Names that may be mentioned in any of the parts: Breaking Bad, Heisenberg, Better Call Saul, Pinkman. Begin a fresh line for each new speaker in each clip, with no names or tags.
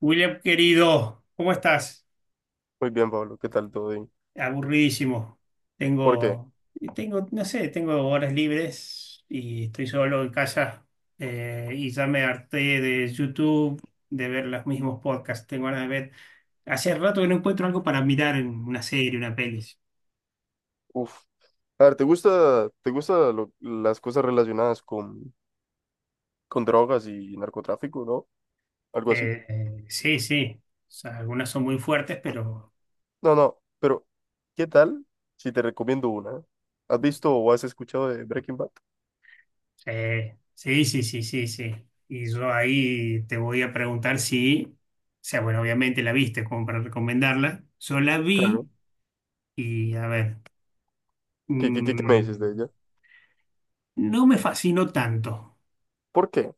William, querido, ¿cómo estás?
Muy bien, Pablo, ¿qué tal todo bien?
Aburridísimo.
¿Por qué?
Tengo, tengo, no sé, tengo horas libres y estoy solo en casa y ya me harté de YouTube, de ver los mismos podcasts. Tengo ganas de ver. Hace rato que no encuentro algo para mirar en una serie, una peli.
Uf. A ver, ¿te gusta las cosas relacionadas con drogas y narcotráfico, ¿no? Algo así.
Sí, sí. O sea, algunas son muy fuertes, pero
No, no, pero ¿qué tal si te recomiendo una? ¿Has visto o has escuchado de Breaking Bad?
Sí, sí, sí, sí, sí. Y yo ahí te voy a preguntar si, o sea, bueno, obviamente la viste como para recomendarla. Yo la
Claro.
vi y, a ver,
¿Qué me
mm,
dices de ella?
no me fascinó tanto.
¿Por qué?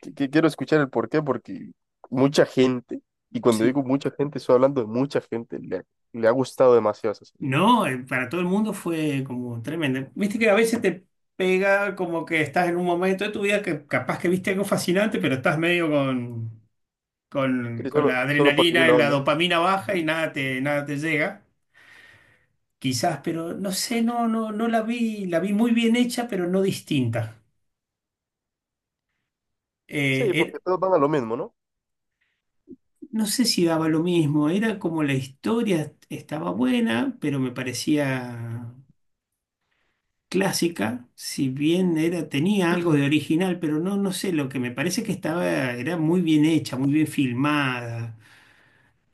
Que quiero escuchar el por qué, porque mucha gente, y cuando
Sí.
digo mucha gente, estoy hablando de mucha gente, le ha gustado demasiado esa serie.
No, para todo el mundo fue como tremendo. Viste que a veces te pega como que estás en un momento de tu vida que capaz que viste algo fascinante, pero estás medio
Sí,
con
solo,
la
solo por seguir
adrenalina,
la
la
onda.
dopamina baja y nada te, nada te llega. Quizás, pero no sé, no, no, no la vi, la vi muy bien hecha, pero no distinta.
Sí,
Eh,
porque
er-
todos van a lo mismo, ¿no?
no sé si daba lo mismo, era como la historia estaba buena, pero me parecía clásica, si bien era, tenía algo de original, pero no, no sé, lo que me parece que estaba, era muy bien hecha, muy bien filmada,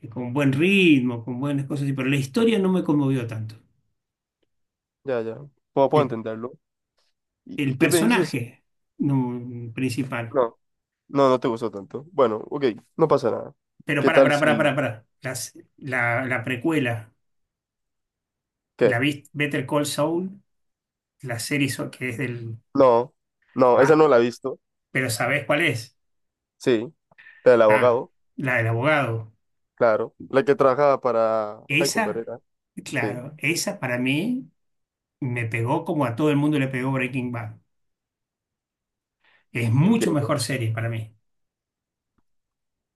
con buen ritmo, con buenas cosas, pero la historia no me conmovió tanto.
Ya, ya. Puedo
El,
entenderlo. ¿Y
el
qué me dices?
personaje no, principal.
No, no, no te gustó tanto. Bueno, ok, no pasa nada.
Pero
¿Qué tal si—
para. La precuela, la
¿Qué?
viste Better Call Saul, la serie que es del...
No, no, esa
Ah,
no la he visto.
pero ¿sabés cuál es?
Sí, la del
Ah,
abogado,
la del abogado.
claro. La que trabajaba para Heisenberg
Esa,
era. Sí,
claro, esa para mí me pegó como a todo el mundo le pegó Breaking Bad. Es mucho
entiendo.
mejor serie para mí.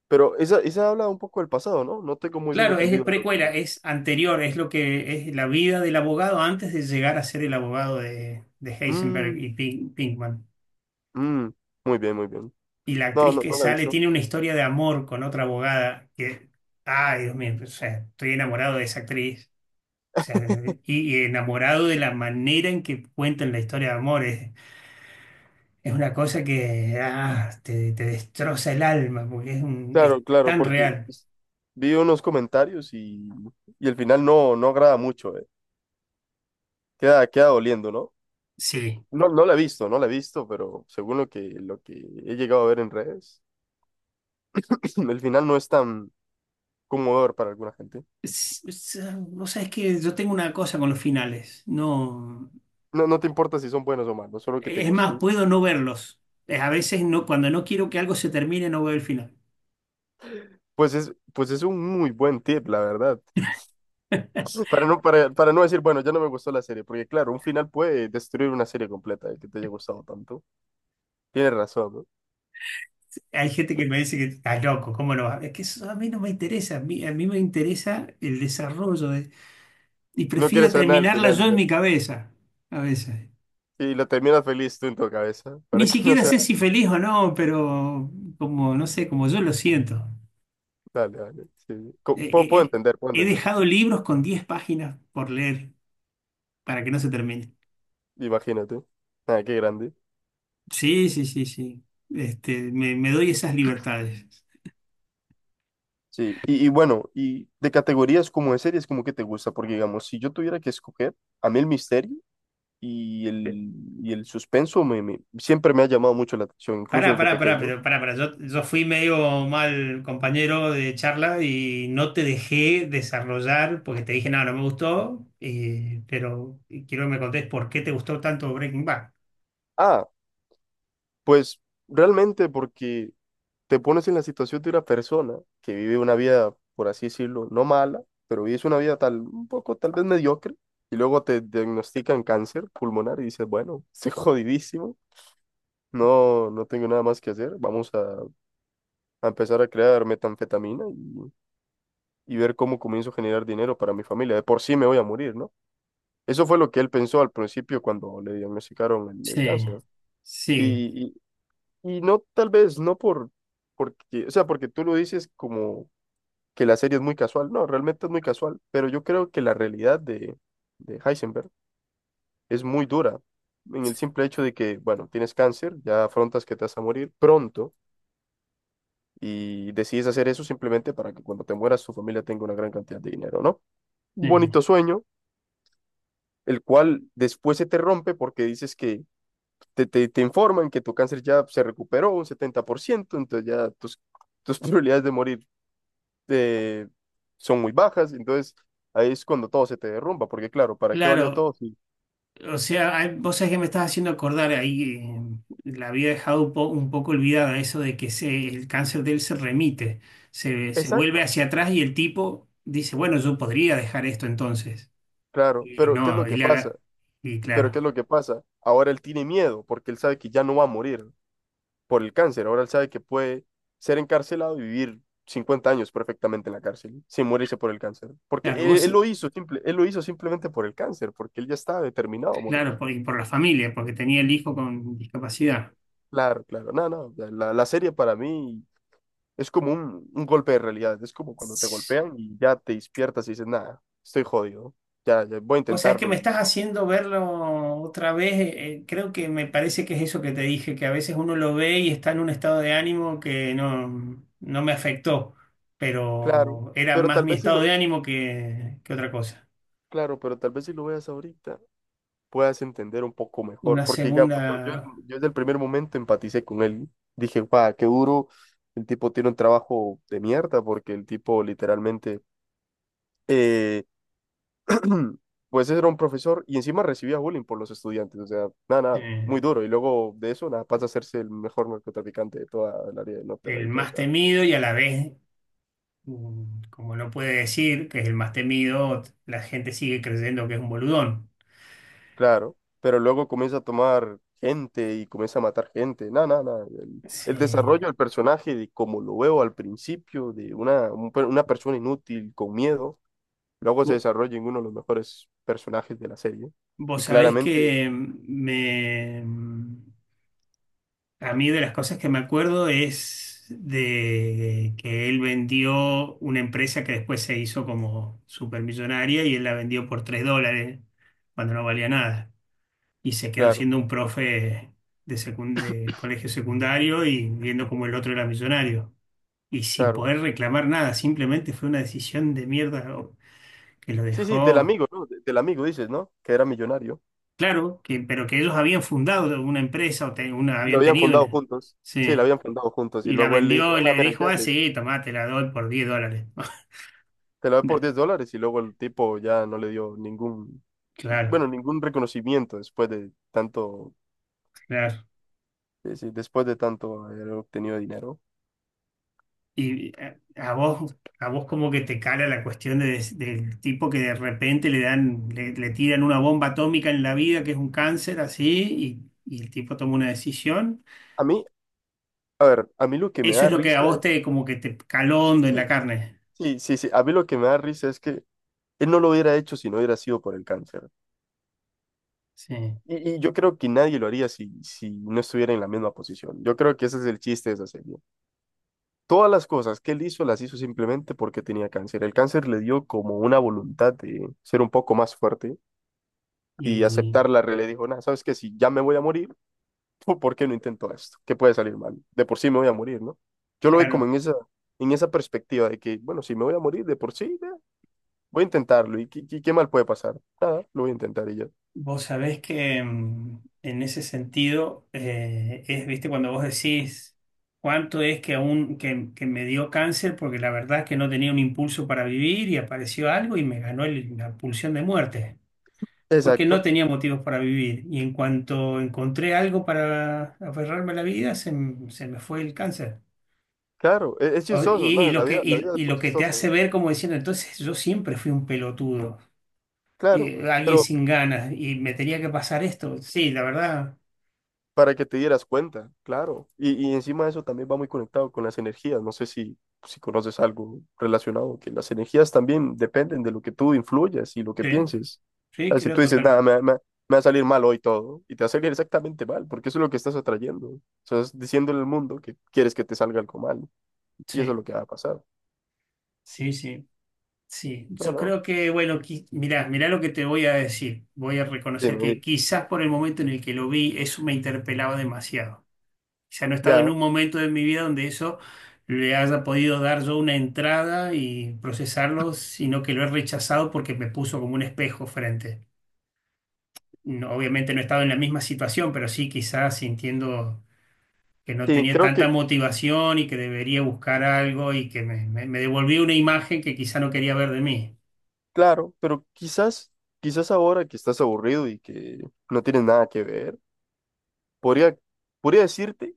Pero esa habla un poco del pasado, ¿no? No tengo muy bien
Claro, es de
entendido lo
precuela,
que—
es anterior, es lo que es la vida del abogado antes de llegar a ser el abogado de Heisenberg y
Mm,
Pinkman.
mm, muy bien, muy bien.
Y la
No,
actriz
no,
que
no la he
sale
visto.
tiene una historia de amor con otra abogada que, ay, Dios mío, o sea, estoy enamorado de esa actriz. O sea, y enamorado de la manera en que cuentan la historia de amor. Es una cosa que te, te destroza el alma porque es, es
Claro, claro,
tan
porque
real.
vi unos comentarios y el final no agrada mucho, eh. Queda doliendo, ¿no?
Sí.
No, no la he visto, no la he visto, pero según lo que he llegado a ver en redes, el final no es tan conmovedor para alguna gente.
Es- es- Vos sabés que yo tengo una cosa con los finales. No,
No, no te importa si son buenos o malos, solo que te
es más,
guste.
puedo no verlos. A veces no, cuando no quiero que algo se termine, no veo el final.
Pues es un muy buen tip, la verdad. Para no decir, bueno, ya no me gustó la serie, porque claro, un final puede destruir una serie completa, el que te haya gustado tanto. Tienes razón, ¿no?
Hay gente que me dice que está loco, ¿cómo no va? Es que eso a mí no me interesa, a mí me interesa el desarrollo y
No
prefiero
quieres saber nada del
terminarla
final
yo
y
en
ya.
mi cabeza, a veces.
Y lo terminas feliz tú en tu cabeza,
Ni
para que no
siquiera
sea—
sé si feliz o no, pero como, no sé, como yo lo siento.
Dale, dale. Sí.
Eh,
Puedo,
eh,
puedo
eh,
entender, puedo
he
entender.
dejado libros con 10 páginas por leer para que no se termine.
Imagínate. Ah, qué grande.
Sí, sí, sí, sí. Este, me doy esas libertades.
Sí, y bueno, y de categorías como de series, como que te gusta, porque digamos, si yo tuviera que escoger, a mí el misterio y el, y el suspenso siempre me ha llamado mucho la atención, incluso desde pequeño.
Pará. Yo fui medio mal compañero de charla y no te dejé desarrollar porque te dije, no, no me gustó, pero quiero que me contés por qué te gustó tanto Breaking Bad.
Ah, pues realmente porque te pones en la situación de una persona que vive una vida, por así decirlo, no mala, pero vives una vida tal, un poco tal vez mediocre, y luego te diagnostican cáncer pulmonar y dices, bueno, estoy jodidísimo, no, no tengo nada más que hacer, vamos a empezar a crear metanfetamina y ver cómo comienzo a generar dinero para mi familia. De por sí me voy a morir, ¿no? Eso fue lo que él pensó al principio cuando le diagnosticaron el
Sí,
cáncer, ¿no?
sí,
Y, y no, tal vez, no por, porque, o sea, porque tú lo dices como que la serie es muy casual. No, realmente es muy casual, pero yo creo que la realidad de Heisenberg es muy dura. En el simple hecho de que, bueno, tienes cáncer, ya afrontas que te vas a morir pronto y decides hacer eso simplemente para que cuando te mueras tu familia tenga una gran cantidad de dinero, ¿no? Un
sí.
bonito sueño, el cual después se te rompe porque dices que te informan que tu cáncer ya se recuperó un 70%, entonces ya tus probabilidades de morir eh, son muy bajas, entonces ahí es cuando todo se te derrumba, porque claro, ¿para qué valió
Claro,
todo? Sí.
o sea, hay- vos sabés que me estás haciendo acordar ahí, la había dejado un un poco olvidada eso de que se, el cáncer de él se remite, se vuelve
Exacto,
hacia atrás y el tipo dice, bueno, yo podría dejar esto entonces.
claro,
Y
pero ¿qué es lo
no, y,
que pasa?
le y
Pero ¿qué es
claro,
lo que pasa? Ahora él tiene miedo porque él sabe que ya no va a morir por el cáncer. Ahora él sabe que puede ser encarcelado y vivir 50 años perfectamente en la cárcel, sin morirse por el cáncer. Porque
claro,
él,
vos,
él lo hizo simple, él lo hizo simplemente por el cáncer, porque él ya estaba determinado a morir.
claro, por, y por la familia, porque tenía el hijo con discapacidad.
Claro, claro. No, no, la serie para mí es como un golpe de realidad. Es como cuando te golpean y ya te despiertas y dices, nada, estoy jodido. Ya, ya voy a
Vos sabés que
intentarlo,
me estás
y
haciendo verlo otra vez, creo que me parece que es eso que te dije, que a veces uno lo ve y está en un estado de ánimo que no, no me afectó,
claro,
pero era
pero
más
tal
mi
vez si
estado
lo,
de ánimo que otra cosa.
claro, pero tal vez si lo veas ahorita. Puedas entender un poco mejor.
Una
Porque, digamos,
segunda,
yo desde el primer momento empaticé con él. Dije, guau, qué duro. El tipo tiene un trabajo de mierda porque el tipo literalmente, eh, pues era un profesor y encima recibía bullying por los estudiantes. O sea, nada, nada, muy
eh,
duro. Y luego de eso, nada, pasa a hacerse el mejor narcotraficante de toda el área de
el
Norteamérica. O
más
sea,
temido y a la vez Mm, como no puede decir que es el más temido, la gente sigue creyendo que es un boludón.
claro, pero luego comienza a tomar gente y comienza a matar gente. No, no, no. El
Sí.
desarrollo del personaje, de como lo veo al principio, de una persona inútil con miedo, luego se
Vo-
desarrolla en uno de los mejores personajes de la serie.
Vos
Y
sabés que
claramente,
a mí de las cosas que me acuerdo es de que él vendió una empresa que después se hizo como supermillonaria y él la vendió por $3 cuando no valía nada. Y se quedó
claro,
siendo un profe de colegio secundario y viendo como el otro era millonario. Y sin
claro.
poder reclamar nada, simplemente fue una decisión de mierda que lo
Sí, sí, del
dejó,
amigo, ¿no? Del amigo dices, ¿no? Que era millonario.
claro, que, pero que ellos habían fundado una empresa
Y lo
habían
habían
tenido
fundado
una,
juntos. Sí, lo
sí,
habían fundado juntos. Y
y la
luego él le
vendió
dijo, ah,
y
no,
le
mira, ya.
dijo, ah, sí, tomá, te la doy por $10.
Te la da
No,
por $10 y luego el tipo ya no le dio ningún,
claro,
bueno, ningún reconocimiento después de tanto,
claro.
sí, sí, después de tanto haber obtenido dinero.
Y a vos como que te cala la cuestión de del tipo que de repente le dan, le tiran una bomba atómica en la vida, que es un cáncer así, y el tipo toma una decisión.
A mí, a ver, a mí lo que me
Eso
da
es lo que a
risa
vos
es,
te como que te caló hondo en la
sí,
carne.
sí, sí, sí, a mí lo que me da risa es que él no lo hubiera hecho si no hubiera sido por el cáncer.
Sí.
Y yo creo que nadie lo haría si no estuviera en la misma posición. Yo creo que ese es el chiste de esa serie. Todas las cosas que él hizo las hizo simplemente porque tenía cáncer. El cáncer le dio como una voluntad de ser un poco más fuerte y
Y
aceptar la realidad. Dijo, nada, sabes que si ya me voy a morir, ¿por qué no intento esto? ¿Qué puede salir mal? De por sí me voy a morir, ¿no? Yo lo vi como
claro,
en esa perspectiva de que, bueno, si me voy a morir de por sí, ya, voy a intentarlo. ¿Y qué mal puede pasar? Nada, lo voy a intentar y ya.
vos sabés que en ese sentido es, viste, cuando vos decís cuánto es que aún que me dio cáncer porque la verdad es que no tenía un impulso para vivir y apareció algo y me ganó la pulsión de muerte. Porque no
Exacto.
tenía motivos para vivir. Y en cuanto encontré algo para aferrarme a la vida, se me fue el cáncer.
Claro, es, chistoso,
Y
nada, la
lo que,
vida, la vida es
y
muy
lo que te
chistosa, ¿eh?
hace ver como diciendo, entonces yo siempre fui un pelotudo,
Claro,
alguien
pero
sin ganas, y me tenía que pasar esto. Sí, la verdad,
para que te dieras cuenta, claro. Y encima de eso también va muy conectado con las energías. No sé si conoces algo relacionado, que las energías también dependen de lo que tú influyas y lo que
sí,
pienses. O
sí,
sea, si
creo
tú dices, nada,
totalmente.
me va a salir mal hoy todo, y te va a salir exactamente mal, porque eso es lo que estás atrayendo. Estás diciéndole al mundo que quieres que te salga algo mal, y eso es
Sí,
lo que va a pasar.
sí, sí, sí.
No,
Yo
no,
creo que, bueno, mirá, mirá lo que te voy a decir. Voy a reconocer
dime,
que
dime.
quizás por el momento en el que lo vi, eso me interpelaba demasiado. Ya no he estado en
Ya,
un momento de mi vida donde eso le haya podido dar yo una entrada y procesarlo, sino que lo he rechazado porque me puso como un espejo frente. No, obviamente no he estado en la misma situación, pero sí quizás sintiendo que no
sí,
tenía
creo
tanta
que,
motivación y que debería buscar algo y que me devolvió una imagen que quizá no quería ver de mí.
claro, pero quizás ahora que estás aburrido y que no tienes nada que ver, podría— Podría decirte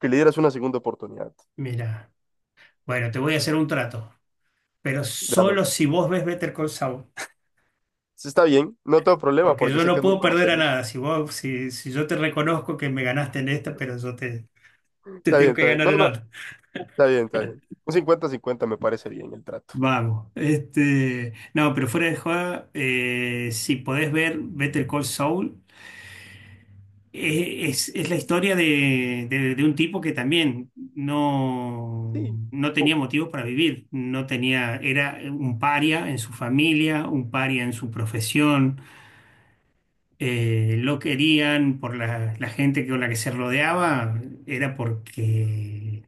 que le dieras una segunda oportunidad.
Mira, bueno, te voy a hacer un trato, pero
Dame.
solo si vos ves Better Call Saul.
Sí, está bien, no tengo problema
Porque
porque
yo
sé que
no
es muy
puedo
buena
perder a
serie.
nada. Si vos, si, si yo te reconozco que me ganaste en esta, pero te
Está
tengo
bien,
que
está bien.
ganar
No,
en
no,
otra.
está bien, está bien. Un 50-50 me parece bien el trato.
Vamos. Este, no, pero fuera de joda, si podés ver Better Call Saul, es la historia de, de un tipo que también no,
Sí,
no tenía
po-
motivos para vivir. No tenía, era un paria en su familia, un paria en su profesión lo querían por la gente con la que se rodeaba, era porque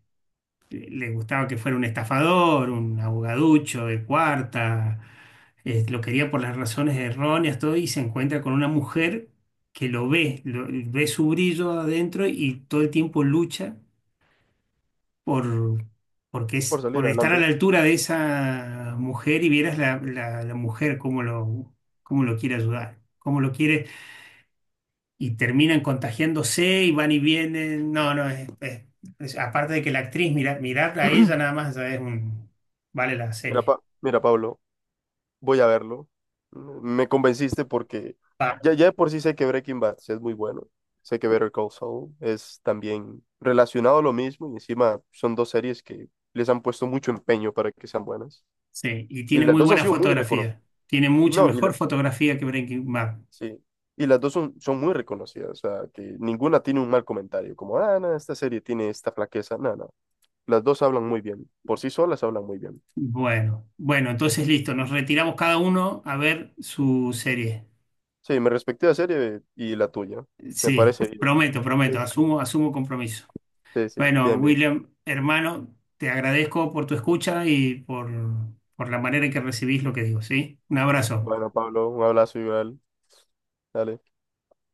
le gustaba que fuera un estafador, un abogaducho de cuarta, lo quería por las razones erróneas, todo, y se encuentra con una mujer que lo ve, ve su brillo adentro y todo el tiempo lucha por... Porque es por
salir
estar a
adelante.
la altura de esa mujer y vieras la mujer cómo lo quiere ayudar, cómo lo quiere y terminan contagiándose y van y vienen. No, no, es, aparte de que la actriz, mira, mirarla a ella nada más ya es un, vale la
Mira,
serie.
Pa- mira, Pablo, voy a verlo. Me convenciste porque
Va.
ya, ya de por sí sé que Breaking Bad sí es muy bueno. Sé que Better Call Saul es también relacionado a lo mismo y encima son dos series que les han puesto mucho empeño para que sean buenas.
Sí, y
Y
tiene
las
muy
dos han
buena
sido muy reconocidas.
fotografía. Tiene
Y
mucha
no, y
mejor
la,
fotografía que Breaking Bad.
sí. Y las dos son muy reconocidas, o sea, que ninguna tiene un mal comentario, como, ah, no, esta serie tiene esta flaqueza, no, no. Las dos hablan muy bien, por sí solas hablan muy bien.
Bueno, bueno, entonces listo, nos retiramos cada uno a ver su serie.
Sí, me respecté la serie y la tuya, me
Sí,
parece bien.
prometo, prometo,
Es-
asumo, asumo compromiso.
sí, sí,
Bueno,
bien, bien.
William, hermano, te agradezco por tu escucha y por la manera en que recibís lo que digo, ¿sí? Un abrazo.
Bueno, Pablo, un abrazo igual, dale.